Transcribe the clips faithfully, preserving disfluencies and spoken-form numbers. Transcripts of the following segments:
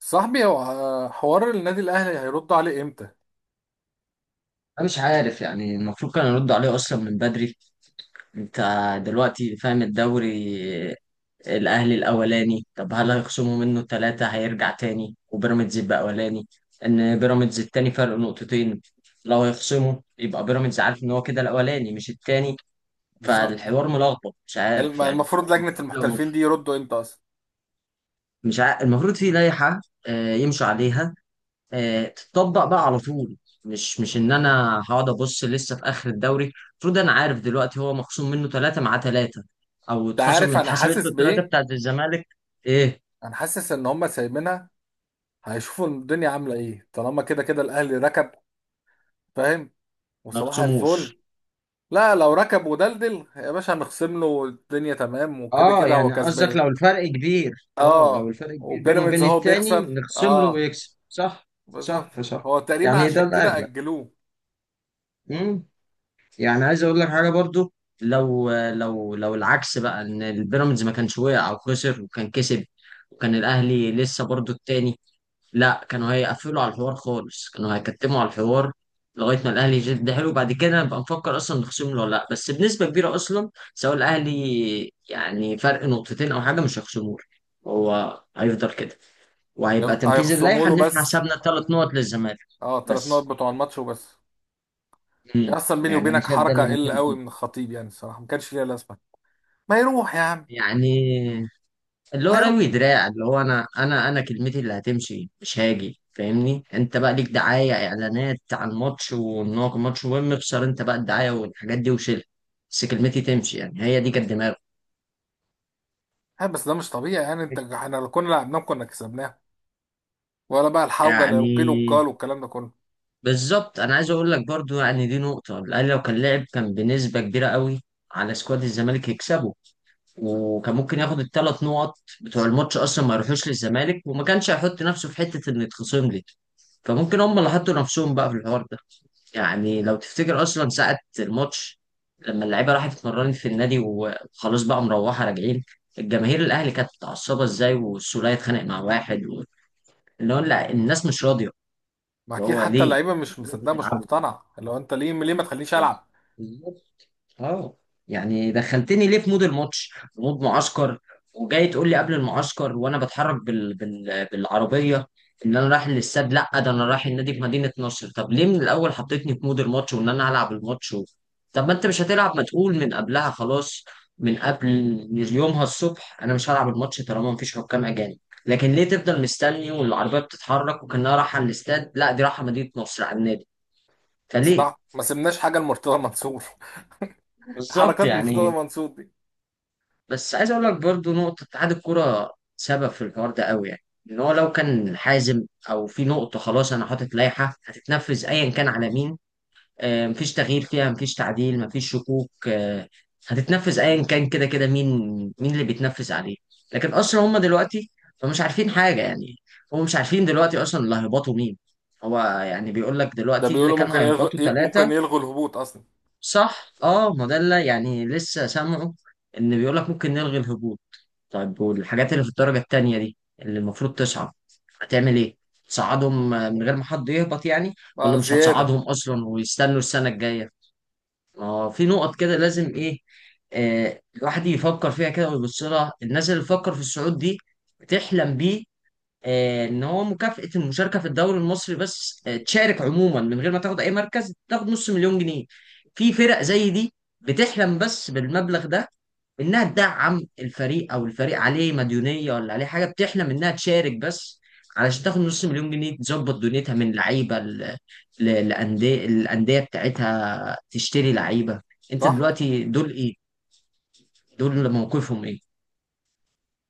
صاحبي هو آه، حوار النادي الاهلي هيردوا عليه امتى؟ انا مش عارف، يعني المفروض كان يرد عليه اصلا من بدري. انت دلوقتي فاهم الدوري؟ الاهلي الاولاني، طب هل هيخصموا منه ثلاثة هيرجع تاني وبيراميدز يبقى اولاني؟ ان بيراميدز التاني فرق نقطتين. لو هيخصموا يبقى بيراميدز عارف ان هو كده الاولاني مش التاني. بالظبط، فالحوار ملخبط، مش يعني الم- عارف يعني. المفروض لجنه المفروض لو، المحترفين دي يردوا امتى اصلا؟ مش عارف، المفروض في لائحة آه، يمشوا عليها، آه، تتطبق بقى على طول. مش مش ان انا هقعد ابص لسه في اخر الدوري، المفروض انا عارف دلوقتي هو مخصوم منه ثلاثه مع ثلاثه، او انت اتخصم عارف من انا اتحسبت له حاسس الثلاثه بايه؟ بتاعت الزمالك. ايه، انا حاسس ان هم سايبينها. هيشوفوا الدنيا عامله ايه، طالما كده كده الاهلي ركب. فاهم؟ ما وصباح الفل. يخصموش. لا، لو ركب ودلدل يا باشا هنخصم له الدنيا، تمام، وكده اه، كده هو يعني قصدك كسبان. لو الفرق كبير. اه لو اه، الفرق كبير بينه وبيراميدز وبين هو التاني بيخسر. نخصم له اه، ويكسب، صح؟ بالظبط، صح صح. هو تقريبا يعني ده عشان كده الاغلب. اجلوه. يعني عايز اقول لك حاجه برضو، لو لو لو العكس بقى ان البيراميدز ما كانش وقع او خسر وكان كسب، وكان الاهلي لسه برضو التاني، لا كانوا هيقفلوا على الحوار خالص، كانوا هيكتموا على الحوار لغايه ما الاهلي يجد حلو، بعد كده نبقى نفكر اصلا نخصم له ولا لا. بس بنسبه كبيره اصلا سواء الاهلي يعني فرق نقطتين او حاجه مش هيخصموه له. هو هيفضل كده، وهيبقى هي- تنفيذ هيخصموا اللائحه له ان احنا بس، حسبنا ثلاث نقط للزمالك اه، تلات نقط بس. بتوع الماتش وبس. يعني مم. اصلا بيني يعني انا وبينك شايف ده حركه اللي ممكن قل قوي يكون. من الخطيب، يعني الصراحه ما كانش ليها لازمه. ما يروح يا عم، يعني اللي هو ما يروح. روي دراع، اللي هو انا انا انا كلمتي اللي هتمشي مش هاجي. فاهمني، انت بقى ليك دعايه اعلانات عن الماتش وان هو كان ماتش مهم، اخسر انت بقى الدعايه والحاجات دي وشيلها، بس كلمتي تمشي. يعني هي دي كانت دماغه. ها، بس ده مش طبيعي يعني، انت احنا لو كنا لعبناه كنا كسبناه، ولا بقى الحوجه اللي القيل يعني والقال والكلام ده كله. بالظبط، انا عايز اقول لك برضو، يعني دي نقطه، الاهلي لو كان لعب كان بنسبه كبيره قوي على سكواد الزمالك يكسبه، وكان ممكن ياخد الثلاث نقط بتوع الماتش اصلا، ما يروحوش للزمالك، وما كانش هيحط نفسه في حته انه يتخصم لي. فممكن هم اللي حطوا نفسهم بقى في الحوار ده. يعني لو تفتكر اصلا ساعه الماتش، لما اللعيبه راحت اتمرنت في النادي وخلاص بقى مروحه راجعين، الجماهير الاهلي كانت متعصبه ازاي، والسوليه اتخانق مع واحد و... اللي هو لا الناس مش راضيه. ما اللي اكيد هو حتى ليه؟ اللعيبه مش مصدقه، مش انتوا مقتنعه، لو انت ليه ليه ما تخلينيش العب؟ بتلعبوا. اه، يعني دخلتني ليه في مود الماتش، في مود معسكر، وجاي تقول لي قبل المعسكر وانا بتحرك بال... بال... بالعربيه ان انا رايح للاستاد، لا ده انا رايح النادي في مدينه نصر. طب ليه من الاول حطيتني في مود الماتش وان انا هلعب الماتش و... طب ما انت مش هتلعب، ما تقول من قبلها خلاص، من قبل، يومها الصبح، انا مش هلعب الماتش طالما مفيش حكام اجانب. لكن ليه تفضل مستني والعربيه بتتحرك وكانها رايحه الاستاد، لا دي رايحه مدينه نصر على النادي. فليه؟ صراحه ما سيبناش حاجه لمرتضى منصور. بالظبط حركات مرتضى يعني. منصور دي. بس عايز اقول لك برضو، نقطة اتحاد الكورة سبب في الحوار ده قوي، يعني ان هو لو كان حازم، او في نقطة خلاص انا حاطط لائحة هتتنفذ ايا كان على مين، آه، مفيش تغيير فيها، مفيش تعديل، مفيش شكوك، آه، هتتنفذ ايا كان كده كده مين، مين اللي بيتنفذ عليه. لكن اصلا هم دلوقتي، هم مش عارفين حاجة يعني، هم مش عارفين دلوقتي اصلا اللي هيهبطوا مين. هو يعني بيقول لك ده دلوقتي اللي بيقولوا كانوا ممكن هيهبطوا يلغي ممكن ثلاثة. يلغوا الهبوط اصلا. صح، اه، ما ده اللي يعني لسه سامعه، ان بيقول لك ممكن نلغي الهبوط. طيب والحاجات اللي في الدرجة التانية دي اللي المفروض تصعد هتعمل ايه؟ تصعدهم آه، من غير ما حد يهبط يعني؟ ولا بقى مش زياده. هتصعدهم اصلا ويستنوا السنة الجاية؟ ما هو في نقط كده لازم ايه. آه الواحد يفكر فيها كده ويبص لها، الناس اللي بتفكر في الصعود دي بتحلم بيه. آه، ان هو مكافأة المشاركة في الدوري المصري بس، آه تشارك عموما من غير ما تاخد اي مركز، تاخد نص مليون جنيه. في فرق زي دي بتحلم بس بالمبلغ ده، انها تدعم الفريق او الفريق عليه مديونيه ولا عليه حاجه. بتحلم انها تشارك بس علشان تاخد نص مليون جنيه، تظبط دنيتها من لعيبه ل- ل- لأندية الأندية بتاعتها، تشتري لعيبة. انت صح. دلوقتي دول ايه، دول موقفهم ايه؟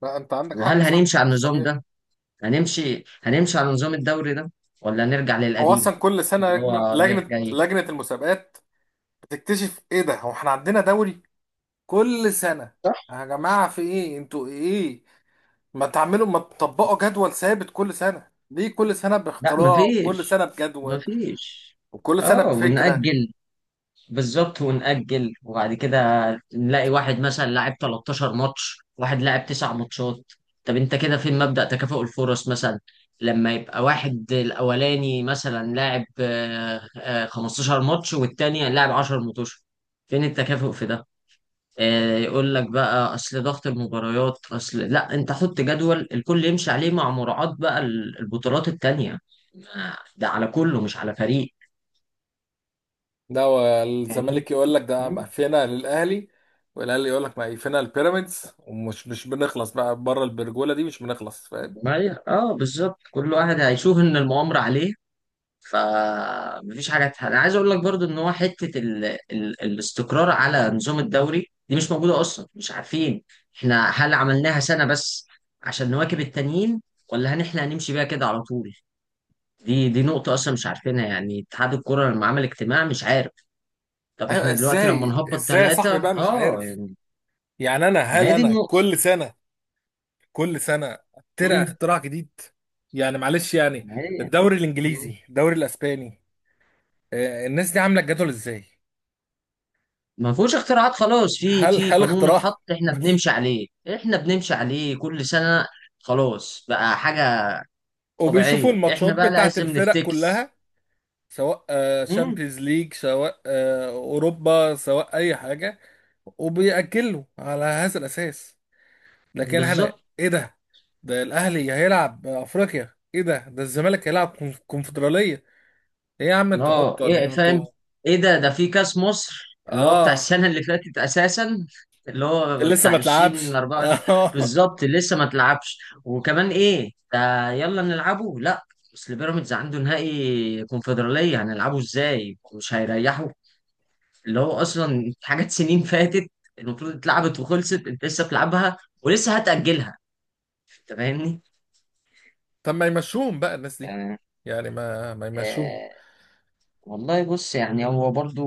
لا، انت عندك حق، وهل صح، هنمشي هو على مش النظام طبيعي. ده؟ هنمشي، هنمشي على نظام الدوري ده، ولا نرجع هو للقديم؟ اصلا كل سنه اللي هو لجنه رايح لجنه جاي. لجنة المسابقات تكتشف ايه؟ ده هو احنا عندنا دوري كل سنة؟ صح. يا جماعة في ايه؟ انتوا ايه؟ ما تعملوا ما تطبقوا جدول ثابت كل سنة، ليه كل سنة لا، باختراع، وكل مفيش، سنة بجدول، مفيش. وكل سنة اه، بفكرة؟ ونأجل. بالظبط، ونأجل، وبعد كده نلاقي واحد مثلا لاعب تلتاشر ماتش، واحد لاعب تسع ماتشات. طب انت كده فين مبدأ تكافؤ الفرص مثلا؟ لما يبقى واحد الأولاني مثلا لاعب آه، آه، خمسة عشر ماتش، والتاني لاعب عشر ماتش، فين التكافؤ في ده؟ آه، يقول لك بقى أصل ضغط المباريات، أصل لا، انت حط جدول الكل يمشي عليه، مع مراعاة بقى البطولات التانية، ده على كله مش على فريق. ده هو فاهمني؟ الزمالك يقول لك ده مقفلة للأهلي، والأهلي يقول لك مقفلة للبيراميدز، ومش مش بنخلص بقى، بره البرجولة دي مش بنخلص، فاهم؟ ما ي-، اه بالظبط، كل واحد هيشوف ان المؤامره عليه. فمفيش حاجه تح-، انا عايز اقول لك برضو ان هو حته ال... ال... الاستقرار على نظام الدوري دي مش موجوده اصلا، مش عارفين احنا هل عملناها سنه بس عشان نواكب التانيين، ولا هن احنا هنمشي بيها كده على طول. دي دي نقطه اصلا مش عارفينها. يعني اتحاد الكره لما عمل اجتماع مش عارف. طب ايوه، احنا دلوقتي لما ازاي نهبط ازاي يا صاحبي ثلاثه بقى، مش اه عارف. يعني. يعني انا ما هل هي دي انا النقطه. كل سنة، كل سنه اخترع امم اختراع جديد؟ يعني معلش يعني، ما هي. الدوري مم. الانجليزي، الدوري الاسباني، آه، الناس دي عامله الجدول ازاي؟ ما فيهوش اختراعات خلاص، في هل في هل قانون اختراع؟ اتحط احنا بس. بنمشي عليه، احنا بنمشي عليه كل سنة، خلاص بقى حاجة وبيشوفوا طبيعية، احنا الماتشات بقى بتاعت لازم الفرق نفتكس. كلها، سواء امم شامبيونز ليج، سواء آه، اوروبا، سواء اي حاجه، وبيأجلوا على هذا الأساس. لكن احنا، بالظبط. ايه ده ده الأهلي هيلعب أفريقيا؟ ايه ده ده الزمالك هيلعب كونف- كونفدرالية؟ ايه يا عم، انتوا اه، عبط ولا ايه ايه فاهم. انتوا؟ ايه ده؟ ده في كاس مصر اللي هو بتاع اه، السنة اللي فاتت اساسا، اللي هو لسه ما بتاع اتلعبش. الفين واربعه وعشرين. بالظبط، لسه ما تلعبش وكمان ايه ده يلا نلعبه. لا، اصل بيراميدز عنده نهائي كونفدرالية، هنلعبه ازاي؟ مش هيريحوا. اللي هو اصلا في حاجات سنين فاتت المفروض اتلعبت وخلصت، انت لسه بتلعبها ولسه هتأجلها. انت فاهمني؟ طب ما يمشوهم بقى الناس دي، يعني، يعني ما ما يمشوهم. آه والله بص، يعني هو برضو،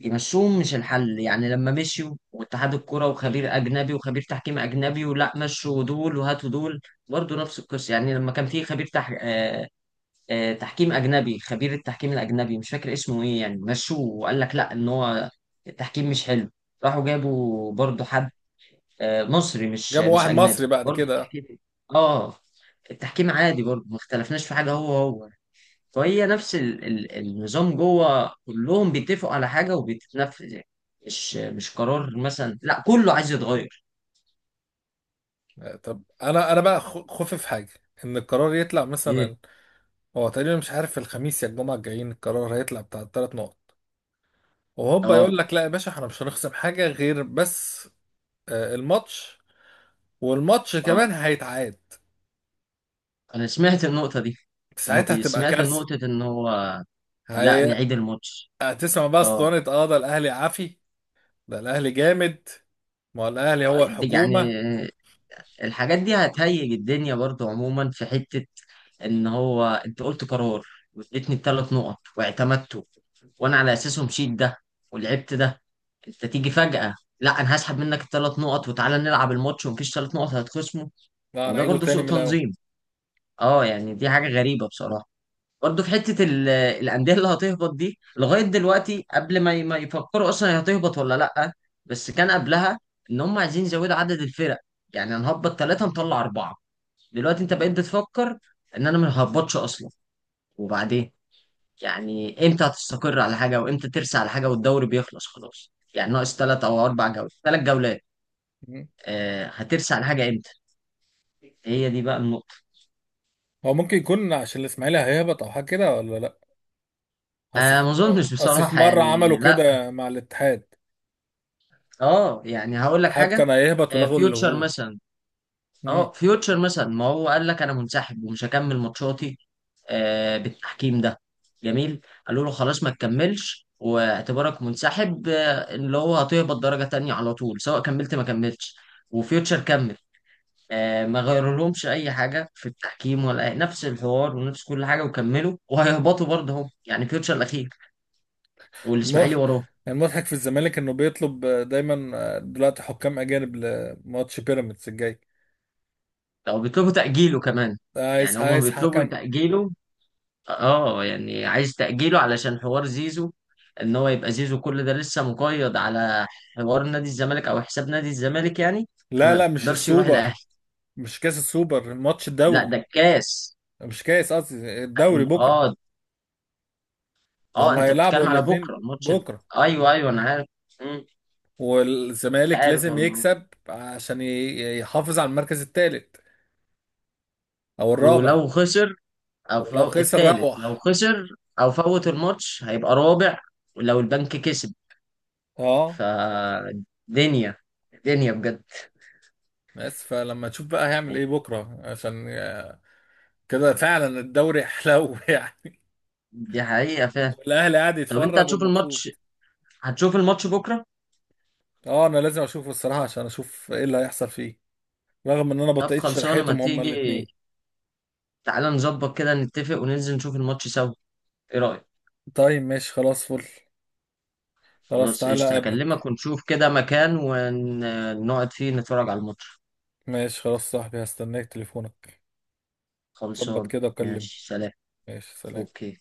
يمشوهم مش الحل، يعني لما مشيوا واتحاد الكرة وخبير أجنبي وخبير تحكيم أجنبي، ولا مشوا دول وهاتوا دول، برضو نفس القصة. يعني لما كان في خبير تح...، آه... آه... تحكيم أجنبي، خبير التحكيم الأجنبي مش فاكر اسمه إيه يعني، مشوه وقال لك لا إن هو التحكيم مش حلو، راحوا جابوا برضو حد آه، مصري، مش جابوا مش واحد اجنبي، مصري بعد برضه كده. التحكيم. اه، التحكيم عادي برضه، ما اختلفناش في حاجه، هو هو. فهي نفس ال... ال... النظام، جوه كلهم بيتفقوا على حاجه وبتتنفذ يعني، مش مش قرار مثلا، لا كله عايز يتغير. طب انا انا بقى، خ- خوفي في حاجه، ان القرار يطلع ايه. مثلا. هو تقريبا مش عارف الخميس يا الجمعه الجايين، القرار هيطلع بتاع الثلاث نقط، وهوبا يقول اه. لك لا يا باشا، احنا مش هنخصم حاجه غير بس آه، الماتش، والماتش اه كمان هيتعاد. انا سمعت النقطه دي. ما ساعتها بي-، هتبقى سمعت كارثه. نقطه ان هو، لا هي... نعيد الماتش. هتسمع بقى اه، اسطوانه، اه، ده الاهلي عافي، ده الاهلي جامد، ما هو الاهلي هو دي-، يعني الحكومه. الحاجات دي هتهيج الدنيا برضه عموما. في حته ان هو انت قلت قرار، واديتني بثلاث نقط واعتمدته، وانا على اساسه مشيت ده ولعبت ده. انت تيجي فجأة، لا انا هسحب منك الثلاث نقط وتعالى نلعب الماتش ومفيش ثلاث نقط هتخصمه. لا، هو انا ده اعيده برضه تاني سوء من الاول. تنظيم. اه يعني دي حاجة غريبة بصراحة. برضه في حتة ال- الأندية اللي هتهبط دي، لغاية دلوقتي قبل ما ي- ما يفكروا أصلا هي هتهبط ولا لأ. بس كان قبلها إن هم عايزين يزودوا عدد الفرق، يعني هنهبط ثلاثة نطلع أربعة. دلوقتي أنت بقيت بتفكر إن أنا ما هبطش أصلا. وبعدين يعني امتى هتستقر على حاجه، وامتى ترسى على حاجه، والدوري بيخلص خلاص، يعني ناقص ثلاث او اربع جولات، ثلاث جولات. مم. آه هترسى على حاجه امتى؟ هي دي بقى النقطه. هو ممكن يكون عشان الاسماعيلي هيهبط او حاجه كده، ولا لا. اصل انا ما في اظنش اصل في بصراحه، مره عملوا يعني لا. كده مع الاتحاد. اه يعني هقول لك الاتحاد حاجه، كان هيهبط آه ولغوا اللي فيوتشر هو. مثلا. مم. اه فيوتشر مثلا، ما هو قال لك انا منسحب ومش هكمل ماتشاتي آه بالتحكيم ده. جميل، قالوا له خلاص ما تكملش واعتبارك منسحب، آه، اللي هو هتهبط درجه تانية على طول سواء كملت ما كملتش. وفيوتشر كمل، آه، ما غيرولهمش اي حاجه في التحكيم ولا أي... نفس الحوار ونفس كل حاجه، وكملوا وهيهبطوا برضه هم، يعني فيوتشر الاخير الم- والاسماعيلي وراه. المضحك في الزمالك انه بيطلب دايما دلوقتي حكام اجانب لماتش بيراميدز الجاي. لو بيطلبوا تاجيله كمان. عايز يعني هما عايز بيطلبوا حكم. تاجيله. اه يعني عايز تاجيله علشان حوار زيزو، ان هو يبقى زيزو كل ده لسه مقيد على حوار نادي الزمالك او حساب نادي الزمالك يعني، لا لا، فما مش يقدرش يروح الاهلي. السوبر، مش كاس السوبر، الماتش لا الدوري، ده الكاس. مش كاس، قصدي الدوري بكره. اه. ده اه هم انت هيلعبوا بتتكلم على الاتنين بكره الماتش ده. بكره. ايوه ايوه انا عارف. مم، انت والزمالك عارف. لازم يكسب عشان ي- يحافظ على المركز الثالث او الرابع. ولو خسر، او ولو فو...، خسر التالت روح. لو خسر او فوت الماتش هيبقى رابع، ولو البنك كسب. اه. فدنيا، دنيا بجد. بس فلما تشوف بقى هيعمل ايه بكره، عشان آه، كده فعلا الدوري حلو. يعني، دي حقيقة فعلا. والاهلي قاعد طب انت يتفرج هتشوف ومبسوط. الماتش؟ هتشوف الماتش بكرة؟ اه، انا لازم اشوفه الصراحه، عشان اشوف ايه اللي هيحصل فيه، رغم ان انا طب بطئت خلصانة، ما شرحتهم هما تيجي الاثنين. تعالى نظبط كده، نتفق وننزل نشوف الماتش سوا. ايه رأيك؟ طيب ماشي، خلاص، فل، خلاص خلاص تعالى قشطة، هكلمك اقابلك. ونشوف كده مكان ونقعد فيه نتفرج على الماتش. ماشي خلاص صاحبي، هستناك تليفونك. ظبط خلصانة، كده وكلمني. ماشي، سلام. ماشي، سلام. اوكي.